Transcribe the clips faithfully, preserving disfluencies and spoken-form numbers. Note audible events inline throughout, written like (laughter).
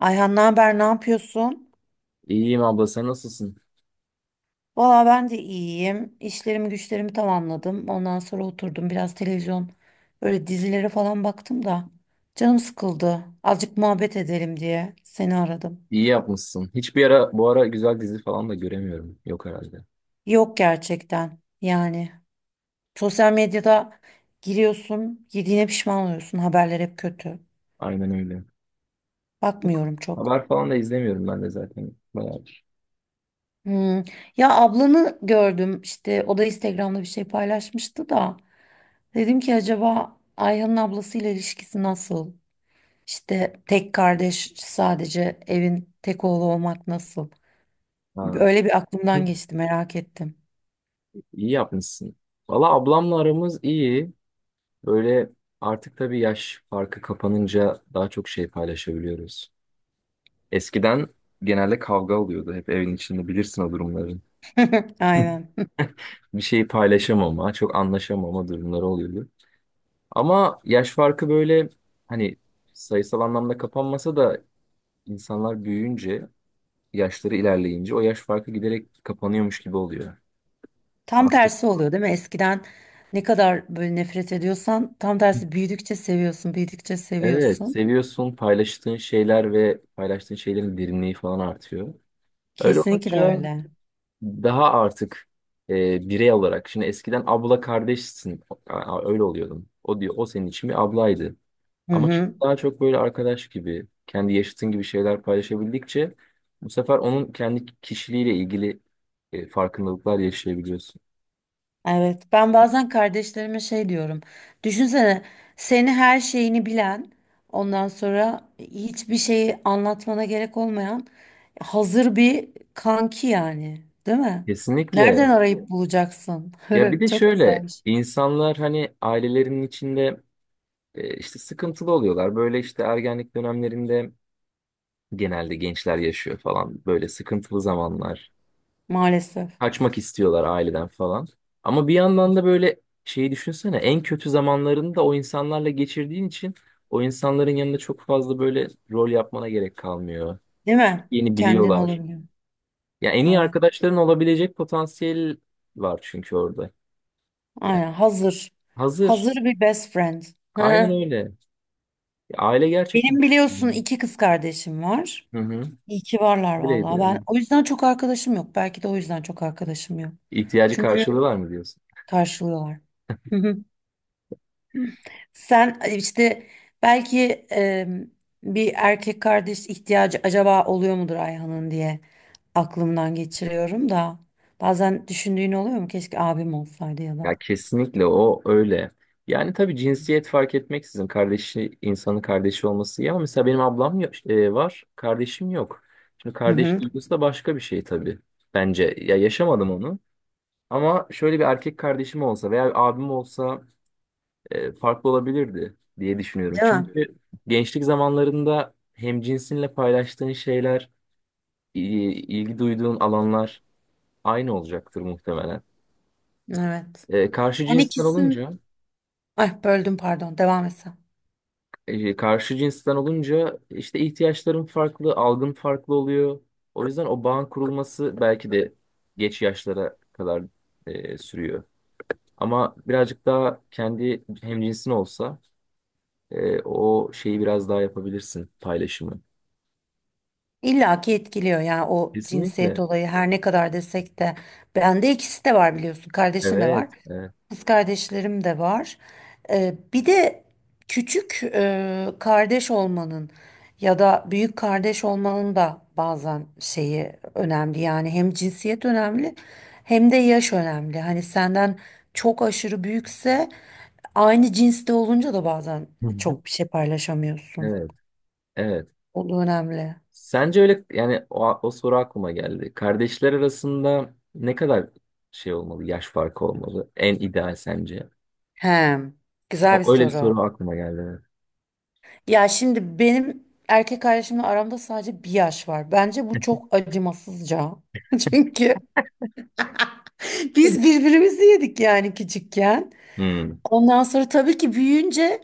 Ayhan ne haber, ne yapıyorsun? İyiyim abla, sen nasılsın? Valla ben de iyiyim. İşlerimi güçlerimi tamamladım. Ondan sonra oturdum biraz televizyon, böyle dizilere falan baktım da canım sıkıldı. Azıcık muhabbet edelim diye seni aradım. İyi yapmışsın. Hiçbir ara bu ara güzel dizi falan da göremiyorum. Yok herhalde. Yok gerçekten yani. Sosyal medyada giriyorsun, yediğine pişman oluyorsun. Haberler hep kötü. Aynen öyle. Bakmıyorum çok. Haber falan da izlemiyorum ben de zaten. Bayağı. Hmm. Ya ablanı gördüm, işte o da Instagram'da bir şey paylaşmıştı da dedim ki acaba Ayhan'ın ablasıyla ilişkisi nasıl? İşte tek kardeş, sadece evin tek oğlu olmak nasıl? Ha. Öyle bir aklımdan Hı. geçti, merak ettim. İyi yapmışsın. Valla ablamla aramız iyi. Böyle artık tabii yaş farkı kapanınca daha çok şey paylaşabiliyoruz. Eskiden genelde kavga oluyordu hep evin içinde, bilirsin o durumların. (laughs) (laughs) Aynen. Bir şeyi paylaşamama, çok anlaşamama durumları oluyordu. Ama yaş farkı böyle, hani, sayısal anlamda kapanmasa da insanlar büyüyünce, yaşları ilerleyince o yaş farkı giderek kapanıyormuş gibi oluyor. Tam Artık tersi oluyor değil mi? Eskiden ne kadar böyle nefret ediyorsan, tam tersi büyüdükçe seviyorsun, büyüdükçe evet, seviyorsun. seviyorsun, paylaştığın şeyler ve paylaştığın şeylerin derinliği falan artıyor. Öyle Kesinlikle olunca öyle. daha artık e, birey olarak, şimdi eskiden abla kardeşsin, A- a- öyle oluyordum. O diyor, o senin için bir ablaydı. Hı Ama hı. daha çok böyle arkadaş gibi, kendi yaşıtın gibi şeyler paylaşabildikçe bu sefer onun kendi kişiliğiyle ilgili e, farkındalıklar yaşayabiliyorsun. Evet, ben bazen kardeşlerime şey diyorum. Düşünsene, seni, her şeyini bilen, ondan sonra hiçbir şeyi anlatmana gerek olmayan hazır bir kanki yani, değil mi? Kesinlikle. Nereden arayıp bulacaksın? Ya bir (laughs) de Çok şöyle, güzelmiş. insanlar hani ailelerinin içinde e, işte sıkıntılı oluyorlar. Böyle işte ergenlik dönemlerinde genelde gençler yaşıyor falan böyle sıkıntılı zamanlar. Maalesef. Kaçmak istiyorlar aileden falan. Ama bir yandan da böyle şeyi düşünsene, en kötü zamanlarını da o insanlarla geçirdiğin için o insanların yanında çok fazla böyle rol yapmana gerek kalmıyor. Değil mi? Yeni Kendin biliyorlar. olabiliyor. Ya, en iyi Evet. arkadaşların olabilecek potansiyel var çünkü orada. Yani Aynen hazır. hazır. Hazır bir best friend. Aynen (laughs) öyle. Ya aile gerçekten. Benim Hı biliyorsun iki kız kardeşim var. hı. İyi ki varlar Öyleydi. vallahi. Ben Evet. o yüzden çok arkadaşım yok. Belki de o yüzden çok arkadaşım yok. İhtiyacı Çünkü karşılığı var mı diyorsun? karşılıyorlar. Hı hı. Sen e, işte belki, e, bir erkek kardeş ihtiyacı acaba oluyor mudur Ayhan'ın diye aklımdan geçiriyorum da bazen düşündüğün oluyor mu? Keşke abim olsaydı ya da. Ya kesinlikle o öyle. Yani tabii, cinsiyet fark etmeksizin kardeşi, insanın kardeşi olması iyi, ama mesela benim ablam ya- e, var, kardeşim yok. Şimdi Hı kardeş hı. duygusu da başka bir şey tabii. Bence, ya, yaşamadım onu. Ama şöyle bir erkek kardeşim olsa veya bir abim olsa e, farklı olabilirdi diye düşünüyorum. Değil mi? Çünkü gençlik zamanlarında hem cinsinle paylaştığın şeyler, i- ilgi duyduğun alanlar aynı olacaktır muhtemelen. Evet. E, karşı Ben cinsler ikisini... olunca Ay, böldüm pardon. Devam et sen. e, karşı cinsten olunca işte ihtiyaçlarım farklı, algım farklı oluyor. O yüzden o bağın kurulması belki de geç yaşlara kadar e, sürüyor. Ama birazcık daha kendi hemcinsin olsa e, o şeyi biraz daha yapabilirsin, paylaşımı. İlla ki etkiliyor yani, o cinsiyet Kesinlikle. olayı her ne kadar desek de bende ikisi de var, biliyorsun, kardeşim de var, Evet. Evet. kız kardeşlerim de var. Ee, bir de küçük e, kardeş olmanın ya da büyük kardeş olmanın da bazen şeyi önemli, yani hem cinsiyet önemli, hem de yaş önemli, hani senden çok aşırı büyükse, aynı cinste olunca da bazen çok (laughs) bir şey paylaşamıyorsun, Evet. Evet. o da önemli. Sence öyle, yani o, o soru aklıma geldi. Kardeşler arasında ne kadar şey olmalı, yaş farkı olmalı? En ideal sence? He, güzel bir O- Öyle bir soru. soru aklıma geldi. Ya şimdi benim erkek kardeşimle aramda sadece bir yaş var. Bence bu çok acımasızca. (laughs) Çünkü Evet. biz birbirimizi yedik yani küçükken. Hmm. Ondan sonra tabii ki büyüyünce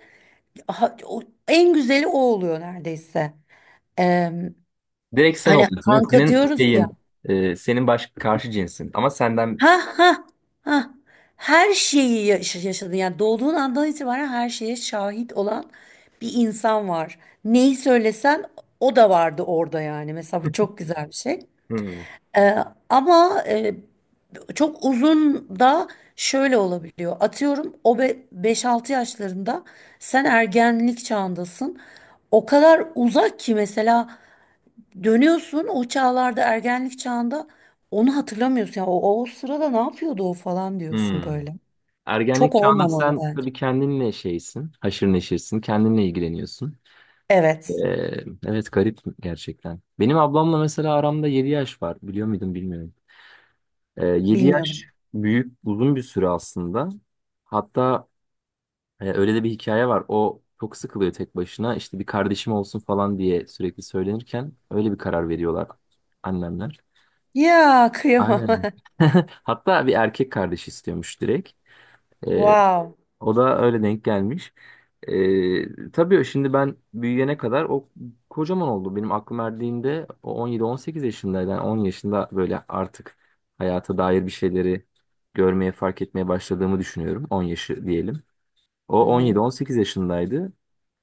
ha- o- en güzeli o oluyor neredeyse. Em, Direkt sen hani oluyorsun değil mi? kanka Senin diyoruz ya. şeyin, e, senin baş karşı cinsin. Ama senden... Ha ha ha. Her şeyi yaş- yaşadın. Yani doğduğun andan itibaren her şeye şahit olan bir insan var. Neyi söylesen o da vardı orada yani. Mesela bu çok güzel bir şey. Hmm. Ee, ama e, çok uzun da şöyle olabiliyor. Atıyorum, o be- beş altı yaşlarında, sen ergenlik çağındasın. O kadar uzak ki mesela. Dönüyorsun o çağlarda, ergenlik çağında onu hatırlamıyorsun. Ya o, o sırada ne yapıyordu o falan diyorsun Hmm. böyle. Ergenlik Çok çağında olmamalı sen bence. tabii kendinle şeysin, haşır neşirsin, kendinle ilgileniyorsun. E, Evet. evet, garip gerçekten. Benim ablamla mesela aramda yedi yaş var. Biliyor muydun? Bilmiyorum. E, yedi yaş Bilmiyordum. büyük, uzun bir süre aslında. Hatta E, öyle de bir hikaye var. O çok sıkılıyor tek başına. İşte bir kardeşim olsun falan diye sürekli söylenirken öyle bir karar veriyorlar annemler. Ya kıyamam. Aynen. (laughs) (laughs) Hatta bir erkek kardeş istiyormuş direkt. E, Wow. O da öyle denk gelmiş. E, tabii şimdi ben büyüyene kadar o kocaman oldu. Benim aklım erdiğinde o on yedi on sekiz yaşındaydı. Yani on yaşında böyle artık hayata dair bir şeyleri görmeye, fark etmeye başladığımı düşünüyorum. on yaşı diyelim. O Hı-hı. on yedi on sekiz yaşındaydı.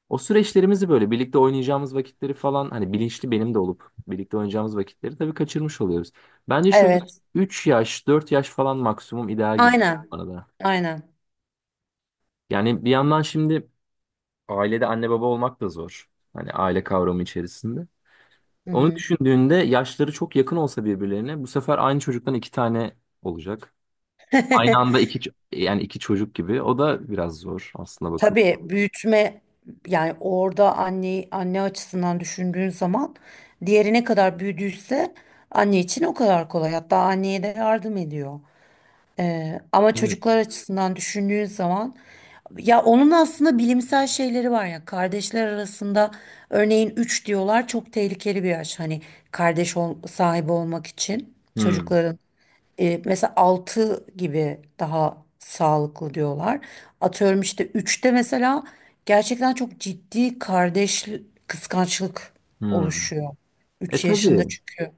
O süreçlerimizi böyle birlikte oynayacağımız vakitleri falan, hani bilinçli benim de olup birlikte oynayacağımız vakitleri tabii kaçırmış oluyoruz. Bence şöyle Evet. üç yaş dört yaş falan maksimum ideal gibi bu Aynen. arada. Aynen. Yani bir yandan şimdi ailede anne baba olmak da zor, hani aile kavramı içerisinde. Onu Hı-hı. düşündüğünde yaşları çok yakın olsa birbirlerine, bu sefer aynı çocuktan iki tane olacak. Aynı anda (laughs) iki ç- yani iki çocuk gibi. O da biraz zor aslında, bakıp. Tabii büyütme yani, orada anne anne açısından düşündüğün zaman diğeri ne kadar büyüdüyse anne için o kadar kolay. Hatta anneye de yardım ediyor. Ee, ama Evet. çocuklar açısından düşündüğün zaman, ya onun aslında bilimsel şeyleri var ya, kardeşler arasında örneğin üç diyorlar, çok tehlikeli bir yaş, hani kardeş ol- sahibi olmak için Hmm, çocukların, e, mesela altı gibi daha sağlıklı diyorlar. Atıyorum işte üçte mesela gerçekten çok ciddi kardeş kıskançlık hmm. oluşuyor. E Üç yaşında, tabii. çünkü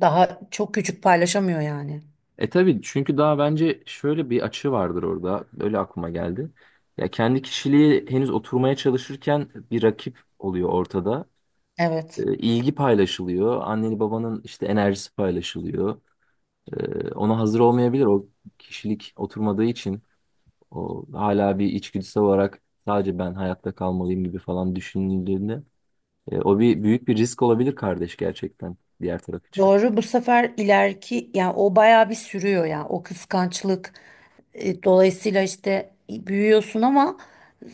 daha çok küçük, paylaşamıyor yani. E tabii, çünkü daha, bence şöyle bir açı vardır orada. Öyle aklıma geldi. Ya kendi kişiliği henüz oturmaya çalışırken bir rakip oluyor ortada. Evet. E, ilgi paylaşılıyor. Anneni babanın işte enerjisi paylaşılıyor. E, ona hazır olmayabilir. O kişilik oturmadığı için, o hala bir içgüdüsel olarak sadece ben hayatta kalmalıyım gibi falan düşünüldüğünde, e, o bir büyük bir risk olabilir kardeş gerçekten diğer taraf için. Doğru, bu sefer ileriki, yani o bayağı bir sürüyor yani o kıskançlık. E, dolayısıyla işte büyüyorsun ama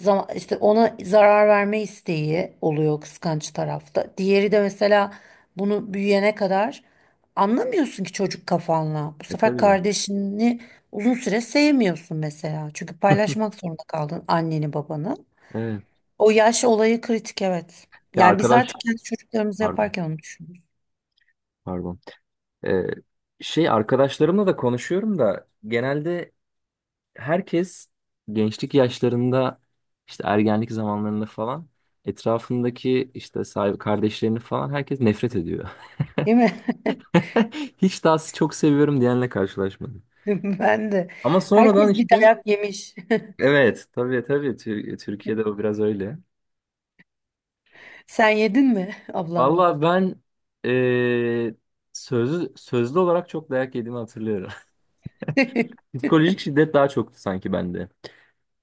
zaman, işte ona zarar verme isteği oluyor kıskanç tarafta. Diğeri de mesela bunu büyüyene kadar anlamıyorsun ki çocuk kafanla. Bu E sefer tabii. kardeşini uzun süre sevmiyorsun mesela. Çünkü paylaşmak zorunda kaldın anneni babanı. Evet. O yaş olayı kritik, evet. Ya Yani biz artık arkadaş, kendi çocuklarımızı pardon. yaparken onu düşünüyoruz. Pardon. Ee, şey arkadaşlarımla da konuşuyorum da, genelde herkes gençlik yaşlarında, işte ergenlik zamanlarında falan, etrafındaki işte sahibi kardeşlerini falan herkes nefret ediyor. Değil mi? (laughs) (laughs) Hiç daha çok seviyorum diyenle karşılaşmadım. (laughs) Ben de. Ama sonradan Herkes bir işte dayak yemiş. evet tabii tabii, Tür- Türkiye'de o biraz öyle. (laughs) Sen yedin mi ablandan? Valla ben eee sözlü, sözlü olarak çok dayak yediğimi hatırlıyorum. (laughs) (laughs) Psikolojik şiddet daha çoktu sanki bende.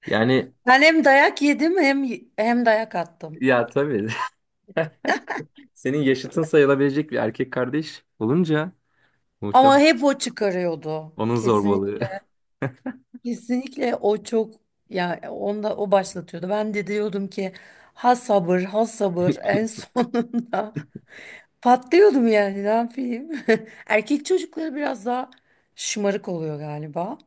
Yani, Ben hem dayak yedim, hem hem dayak attım. ya tabii. (laughs) Senin yaşıtın sayılabilecek bir erkek kardeş olunca Ama muhtemelen hep o çıkarıyordu. onun zorbalığı. Kesinlikle, (laughs) kesinlikle, o çok, ya onda o başlatıyordu. Ben de diyordum ki ha sabır ha sabır, en sonunda. (laughs) Patlıyordum yani, ne yapayım. (laughs) Erkek çocukları biraz daha şımarık oluyor galiba.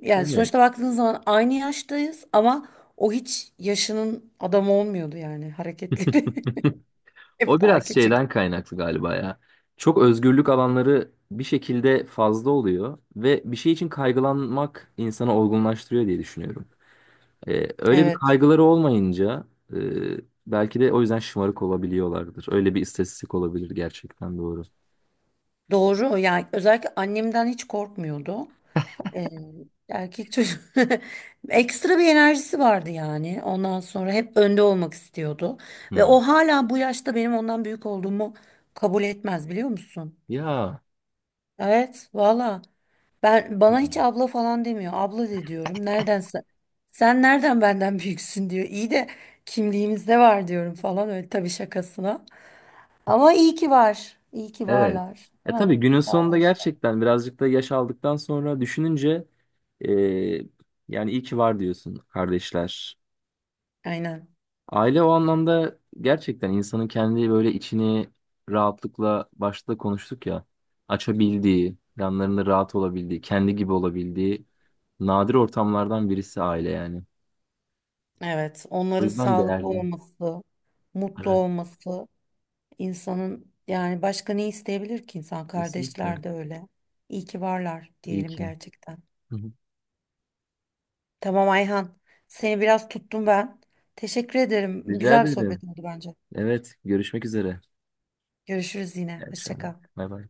Yani Evet. sonuçta baktığınız zaman aynı yaştayız ama o hiç yaşının adamı olmuyordu, yani hareketleri (laughs) hep O daha biraz küçük. şeyden kaynaklı galiba ya. Çok özgürlük alanları bir şekilde fazla oluyor ve bir şey için kaygılanmak insanı olgunlaştırıyor diye düşünüyorum. Ee, öyle bir Evet, kaygıları olmayınca e, belki de o yüzden şımarık olabiliyorlardır. Öyle bir istatistik olabilir, gerçekten doğru. doğru, yani özellikle annemden hiç korkmuyordu. Ee, erkek çocuk (laughs) ekstra bir enerjisi vardı, yani ondan sonra hep önde olmak istiyordu. Ve Hmm. o hala bu yaşta benim ondan büyük olduğumu kabul etmez, biliyor musun? Ya. Evet, valla, ben, bana hiç abla falan demiyor. Abla de diyorum. Nereden sen, sen nereden benden (laughs) büyüksün diyor. İyi de kimliğimizde var diyorum falan, öyle tabii, şakasına. Ama iyi ki var. İyi ki Evet. varlar. E Değil mi? tabii, günün sonunda Kardeşler. gerçekten birazcık da yaş aldıktan sonra düşününce, e, yani iyi ki var diyorsun, kardeşler. Aynen. Aile o anlamda gerçekten, insanın kendi böyle içini rahatlıkla, başta konuştuk ya, açabildiği, yanlarında rahat olabildiği, kendi gibi olabildiği nadir ortamlardan birisi aile yani. Evet. O Onların yüzden sağlıklı değerli. olması, mutlu Evet, olması, insanın, yani başka ne isteyebilir ki insan? kesinlikle. Kardeşler de öyle. İyi ki varlar İyi diyelim ki. gerçekten. Hı hı. Tamam Ayhan. Seni biraz tuttum ben. Teşekkür ederim. Rica Güzel bir ederim. sohbet oldu bence. Evet, görüşmek üzere. Görüşürüz yine. İyi Hoşça akşamlar. kal. Bay bay.